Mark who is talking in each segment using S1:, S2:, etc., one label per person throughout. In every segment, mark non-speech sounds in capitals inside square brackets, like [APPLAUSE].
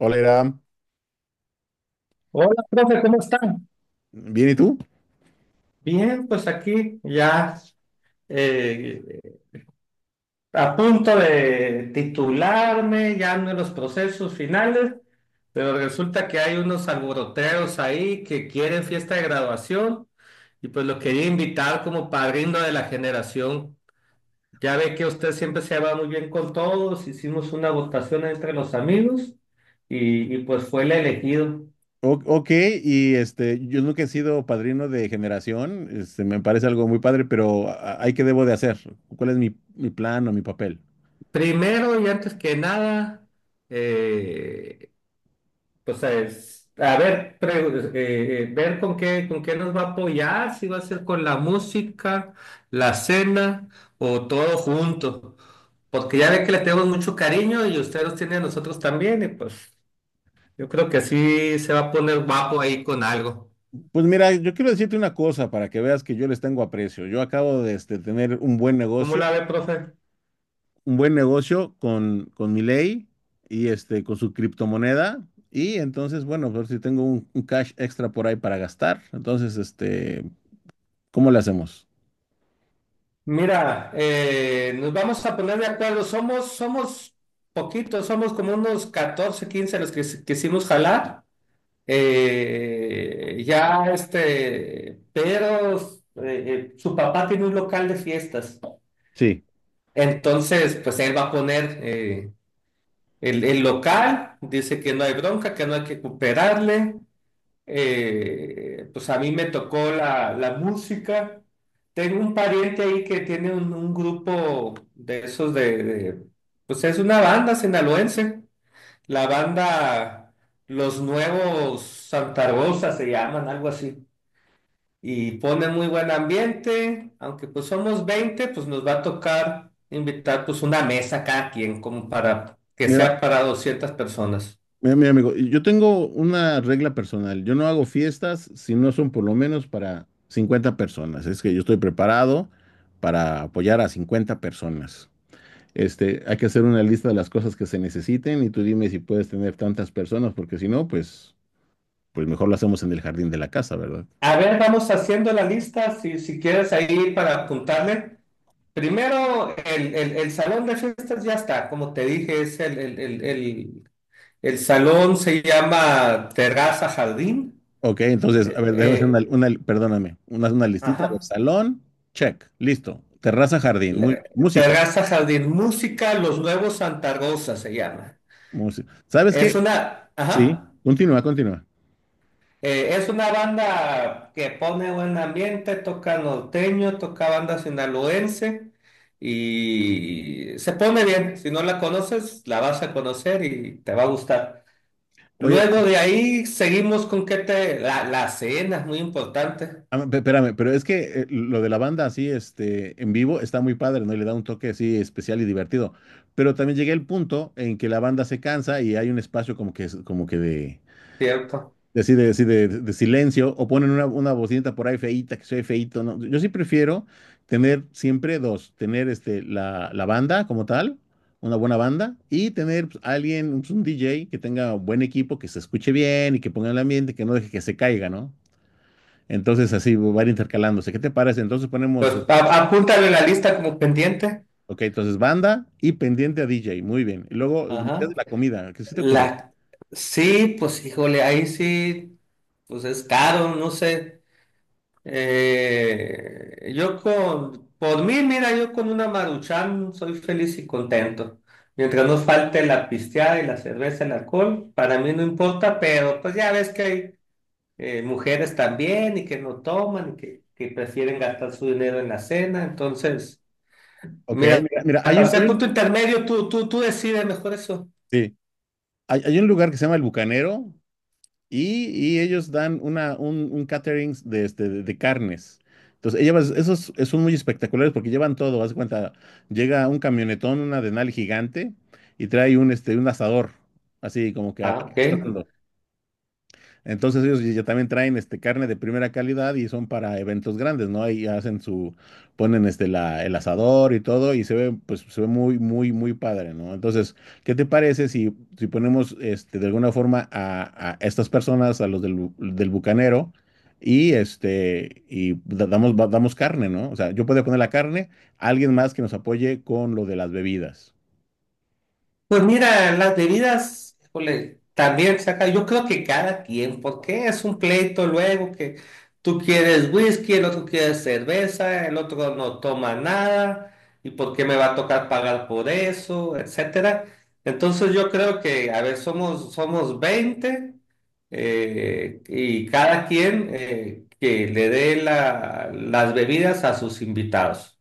S1: Hola, Iram.
S2: Hola, profe, ¿cómo están?
S1: Bien, ¿y tú?
S2: Bien, pues aquí ya eh, a punto de titularme, ya ando en los procesos finales, pero resulta que hay unos alboroteros ahí que quieren fiesta de graduación y pues lo quería invitar como padrino de la generación. Ya ve que usted siempre se va muy bien con todos, hicimos una votación entre los amigos y pues fue el elegido.
S1: Ok, y este, yo nunca he sido padrino de generación, este, me parece algo muy padre, pero ¿hay qué debo de hacer? ¿Cuál es mi plan o mi papel?
S2: Primero y antes que nada, eh, o sea, es, a ver, ver con qué, nos va a apoyar, si va a ser con la música, la cena o todo junto. Porque ya ve que le tenemos mucho cariño y usted los tiene a nosotros también, y pues yo creo que así se va a poner guapo ahí con algo.
S1: Pues mira, yo quiero decirte una cosa para que veas que yo les tengo aprecio. Yo acabo de este, tener
S2: ¿Cómo la ve, profe?
S1: un buen negocio con Milei y este, con su criptomoneda. Y entonces, bueno, ver si tengo un cash extra por ahí para gastar. Entonces, este, ¿cómo le hacemos?
S2: Mira, nos vamos a poner de acuerdo. Somos poquitos, somos como unos 14 15 los que quisimos jalar. Ya este, pero su papá tiene un local de fiestas.
S1: Sí.
S2: Entonces, pues él va a poner el local, dice que no hay bronca, que no hay que cooperarle. Pues a mí me tocó la música. Tengo un pariente ahí que tiene un grupo de esos de, pues es una banda sinaloense. La banda Los Nuevos Santa Rosa se llaman, algo así. Y pone muy buen ambiente, aunque pues somos 20 pues nos va a tocar invitar pues una mesa cada quien, como para que
S1: Mira,
S2: sea para 200 personas.
S1: Mira, mi amigo, yo tengo una regla personal. Yo no hago fiestas si no son por lo menos para 50 personas. Es que yo estoy preparado para apoyar a 50 personas. Este, hay que hacer una lista de las cosas que se necesiten y tú dime si puedes tener tantas personas, porque si no, pues, pues mejor lo hacemos en el jardín de la casa, ¿verdad?
S2: A ver, vamos haciendo la lista, si quieres ahí para apuntarle. Primero, el salón de fiestas ya está, como te dije, es el salón se llama Terraza Jardín.
S1: Ok, entonces, a
S2: Eh,
S1: ver, déjame hacer
S2: eh,
S1: perdóname, una listita. A ver,
S2: ajá.
S1: salón, check, listo. Terraza, jardín, muy
S2: Le-
S1: bien. Música,
S2: Terraza Jardín Música, Los Nuevos Santa Rosa se llama.
S1: música. ¿Sabes
S2: Es
S1: qué?
S2: una, ajá,
S1: Sí, continúa, continúa.
S2: es una banda que pone buen ambiente, toca norteño, toca banda sinaloense y se pone bien. Si no la conoces, la vas a conocer y te va a gustar.
S1: Oye,
S2: Luego de ahí seguimos con que te, la cena es muy importante,
S1: Espérame, pero es que lo de la banda así, este, en vivo está muy padre, ¿no? Y le da un toque así especial y divertido. Pero también llegué al punto en que la banda se cansa y hay un espacio como que, como que
S2: ¿cierto?
S1: de, así de, de silencio o ponen una bocinita por ahí feíta, que soy feíto, ¿no? Yo sí prefiero tener siempre dos, tener este, la banda como tal, una buena banda, y tener pues, alguien, un DJ que tenga buen equipo, que se escuche bien y que ponga el ambiente, que no deje que se caiga, ¿no? Entonces así van intercalándose. ¿Qué te parece? Entonces
S2: Pues
S1: ponemos,
S2: apúntale la lista como pendiente.
S1: ok, entonces banda y pendiente a DJ. Muy bien. Y luego metes
S2: Ajá.
S1: la comida. ¿Qué se te ocurre?
S2: La, sí, pues híjole, ahí sí, pues es caro, no sé. Yo con, por mí, mira, yo con una Maruchan soy feliz y contento. Mientras no falte la pisteada y la cerveza, el alcohol, para mí no importa, pero pues ya ves que hay mujeres también y que no toman y que prefieren gastar su dinero en la cena. Entonces,
S1: Ok,
S2: mira,
S1: mira,
S2: para
S1: hay,
S2: ser
S1: un,
S2: punto intermedio, tú decides mejor eso.
S1: sí, hay un lugar que se llama El Bucanero y, y ellos dan un catering de, este, de carnes. Entonces, ellas, esos son muy espectaculares porque llevan todo. Haz de cuenta, llega un camionetón, una denal gigante y trae un, este, un asador, así como que
S2: Ah, ok.
S1: arrastrando. Entonces ellos ya también traen este carne de primera calidad y son para eventos grandes, ¿no? Ahí hacen su, ponen este la, el asador y todo y se ve, pues se ve muy, muy, muy padre, ¿no? Entonces, ¿qué te parece si, si ponemos este, de alguna forma a estas personas, a los del bucanero y este, damos, damos carne, ¿no? O sea, yo podría poner la carne, alguien más que nos apoye con lo de las bebidas.
S2: Pues mira, las bebidas, híjole, también saca, yo creo que cada quien, porque es un pleito luego que tú quieres whisky, el otro quiere cerveza, el otro no toma nada, y por qué me va a tocar pagar por eso, etcétera. Entonces yo creo que, a ver, somos 20 y cada quien que las bebidas a sus invitados.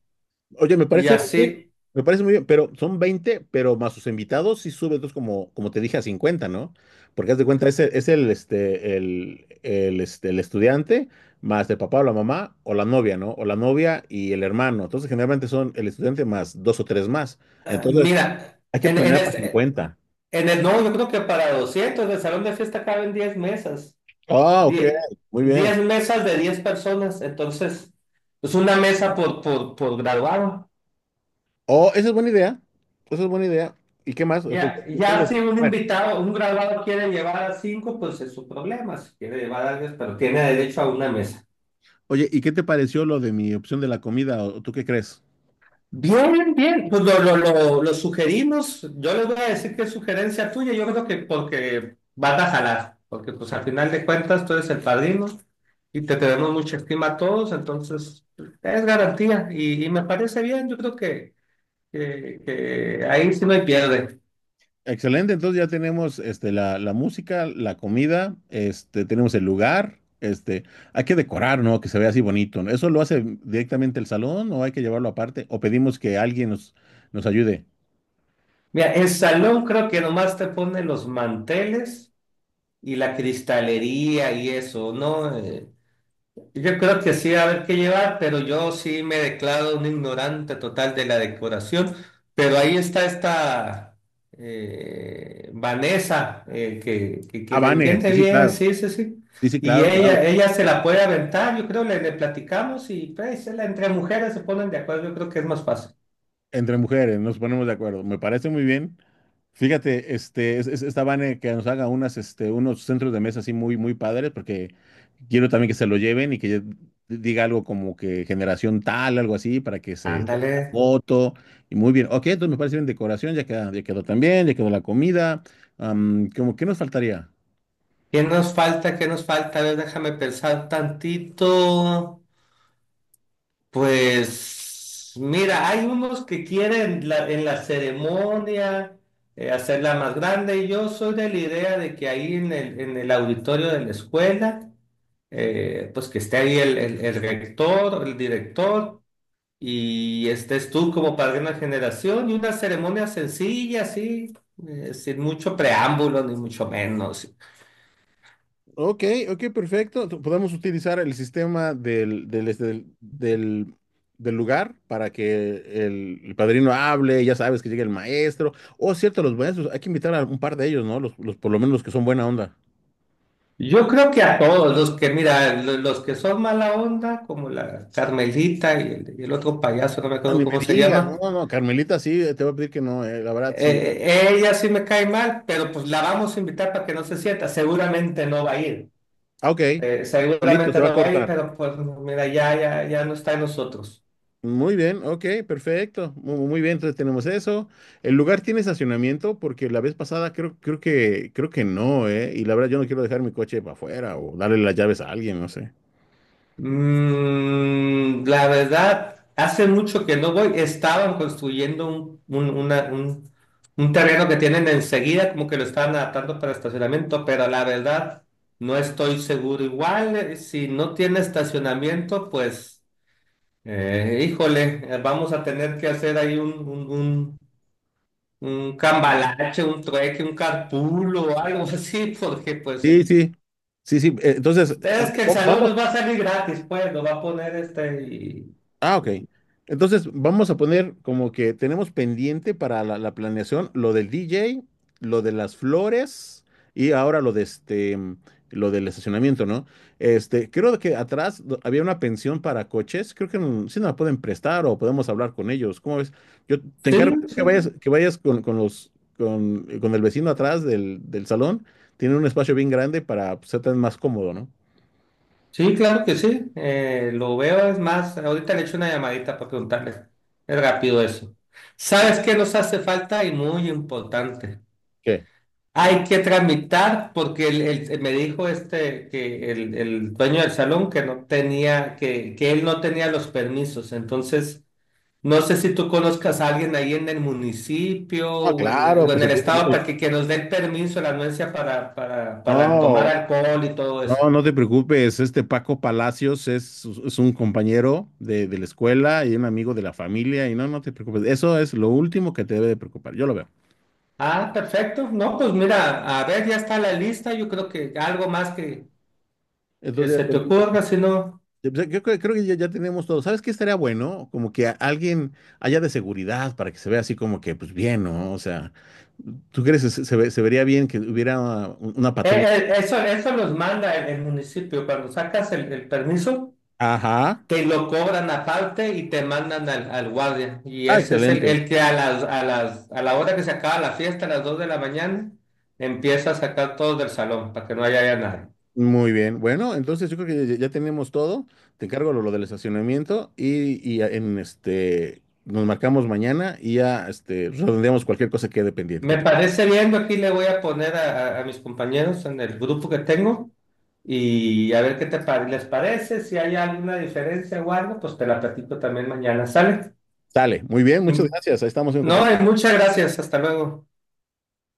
S1: Oye, me
S2: Y
S1: parece muy bien,
S2: así,
S1: me parece muy bien, pero son 20, pero más sus invitados sí sube entonces como, como te dije a 50, ¿no? Porque haz de cuenta, este, este, el estudiante más el papá o la mamá o la novia, ¿no? O la novia y el hermano. Entonces generalmente son el estudiante más dos o tres más.
S2: ah,
S1: Entonces
S2: mira,
S1: hay que
S2: en, en
S1: planear para
S2: este-
S1: 50.
S2: en el, no, yo creo que para 200, en el salón de fiesta caben 10 mesas,
S1: Ah, ok,
S2: 10
S1: muy
S2: 10
S1: bien.
S2: mesas de 10 personas, entonces es una mesa por graduado.
S1: Oh, esa es buena idea, esa es buena idea. ¿Y qué más? Entonces,
S2: Ya si
S1: entonces,
S2: un
S1: a ver,
S2: invitado, un graduado quiere llevar a 5, pues es su problema, si quiere llevar a 10, pero tiene derecho a una mesa.
S1: oye, ¿y qué te pareció lo de mi opción de la comida? ¿O tú qué crees?
S2: Bien, bien, pues lo sugerimos. Yo les voy a decir que es sugerencia tuya. Yo creo que porque vas a jalar, porque pues al final de cuentas tú eres el padrino y te tenemos mucha estima a todos, entonces es garantía y me parece bien. Yo creo que, que ahí sí no hay pierde.
S1: Excelente, entonces ya tenemos este, la música, la comida, este, tenemos el lugar, este, hay que decorar, ¿no? Que se vea así bonito, ¿no? ¿Eso lo hace directamente el salón o hay que llevarlo aparte? ¿O pedimos que alguien nos, nos ayude?
S2: Mira, el salón creo que nomás te pone los manteles y la cristalería y eso, ¿no? Yo creo que sí va a haber que llevar, pero yo sí me declaro un ignorante total de la decoración. Pero ahí está esta Vanessa, que,
S1: Ah,
S2: que
S1: no,
S2: le
S1: Vane,
S2: entiende
S1: sí, sí,
S2: bien,
S1: claro.
S2: sí, sí, sí.
S1: Sí, sí,
S2: Y
S1: claro, claro.
S2: ella se la puede aventar, yo creo, le platicamos y pues entre mujeres se ponen de acuerdo, yo creo que es más fácil.
S1: Entre mujeres, nos ponemos de acuerdo. Me parece muy bien. Fíjate, este, esta Vane que nos haga unas, este, unos centros de mesa así muy, muy padres, porque quiero también que se lo lleven y que ya diga algo como que generación tal, algo así, para que se tome la
S2: Ándale.
S1: foto. Y muy bien. Ok, entonces me parece bien decoración, ya queda, ya quedó también, ya quedó la comida. Am, ¿cómo, qué nos faltaría?
S2: ¿Qué nos falta? ¿Qué nos falta? A ver, déjame pensar tantito. Pues mira, hay unos que quieren en la ceremonia hacerla más grande y yo soy de la idea de que ahí en en el auditorio de la escuela, pues que esté ahí el rector, el director y estés tú como padrino de una generación y una ceremonia sencilla, así, sin mucho preámbulo ni mucho menos.
S1: Ok, ok, perfecto. Podemos utilizar el sistema este, del lugar para que el padrino hable, ya sabes que llegue el maestro. O cierto, los maestros, hay que invitar a un par de ellos, ¿no? Los por lo menos los que son buena onda.
S2: Yo creo que a todos los que, mira, los que son mala onda, como la Carmelita y el otro payaso, no me
S1: Ah,
S2: acuerdo
S1: ni me
S2: cómo se
S1: digas, [LAUGHS] no,
S2: llama,
S1: no, no, Carmelita sí, te voy a pedir que no, la verdad sí.
S2: ella sí me cae mal, pero pues la vamos a invitar para que no se sienta. Seguramente no va a ir,
S1: Ah, ok, solito se va a cortar.
S2: pero pues mira, ya no está en nosotros.
S1: Muy bien, ok, perfecto. Muy bien, entonces tenemos eso. ¿El lugar tiene estacionamiento? Porque la vez pasada creo, creo que no, ¿eh? Y la verdad yo no quiero dejar mi coche para afuera o darle las llaves a alguien, no sé.
S2: Mm, la verdad, hace mucho que no voy. Estaban construyendo un terreno que tienen enseguida, como que lo estaban adaptando para estacionamiento, pero la verdad no estoy seguro. Igual, si no tiene estacionamiento, pues, vamos a tener que hacer ahí un cambalache, un trueque, un carpool o algo [LAUGHS] así, porque pues,
S1: Sí, sí, sí, sí. Entonces, ah,
S2: ustedes que el salón
S1: vamos,
S2: nos va a salir gratis, pues, lo va a poner este y
S1: ah, ok. Entonces vamos a poner como que tenemos pendiente para la planeación lo del DJ, lo de las flores y ahora lo de este, lo del estacionamiento, ¿no? Este, creo que atrás había una pensión para coches. Creo que mm, sí nos la pueden prestar o podemos hablar con ellos. ¿Cómo ves? Yo te
S2: sí,
S1: encargo
S2: sí,
S1: que vayas con el vecino atrás del salón. Tiene un espacio bien grande para pues, ser tan más cómodo, ¿no?
S2: sí, claro que sí. Lo veo, es más, ahorita le echo una llamadita para preguntarle. Es rápido eso. ¿Sabes qué nos hace falta? Y muy importante.
S1: ¿Qué?
S2: Hay que tramitar, porque me dijo este que el dueño del salón que no tenía, que él no tenía los permisos. Entonces, no sé si tú conozcas a alguien ahí en el municipio
S1: Ah,
S2: o en,
S1: claro,
S2: o en
S1: pues
S2: el estado para que nos den permiso, la anuencia para tomar
S1: no,
S2: alcohol y todo eso.
S1: no, no te preocupes, este Paco Palacios es un compañero de la escuela y un amigo de la familia y no, no te preocupes, eso es lo último que te debe de preocupar, yo lo veo.
S2: Ah, perfecto. No, pues mira, a ver, ya está la lista. Yo creo que algo más que
S1: Entonces
S2: se
S1: ya
S2: te
S1: tenemos-
S2: ocurra, si no.
S1: yo creo que ya, ya tenemos todo. ¿Sabes qué estaría bueno? Como que alguien haya de seguridad para que se vea así como que, pues bien, ¿no? O sea, ¿tú crees que se, se vería bien que hubiera una patrulla?
S2: Eso, eso los manda el municipio. Cuando sacas el permiso,
S1: Ajá.
S2: te lo cobran aparte y te mandan al guardia. Y
S1: Ah,
S2: ese es
S1: excelente.
S2: el que a la hora que se acaba la fiesta, a las 2 de la mañana, empieza a sacar todos del salón para que no haya nadie.
S1: Muy bien. Bueno, entonces yo creo que ya, ya tenemos todo. Te encargo lo del estacionamiento y en este nos marcamos mañana y ya este redondeamos cualquier cosa que quede pendiente que
S2: Me
S1: tenga.
S2: parece bien, yo aquí le voy a poner a, a mis compañeros en el grupo que tengo y a ver qué les parece, si hay alguna diferencia o algo, pues te la platico también mañana, ¿sale?
S1: Sale, muy bien, muchas
S2: Y-
S1: gracias. Ahí estamos en
S2: No, y
S1: contacto.
S2: muchas gracias, hasta luego.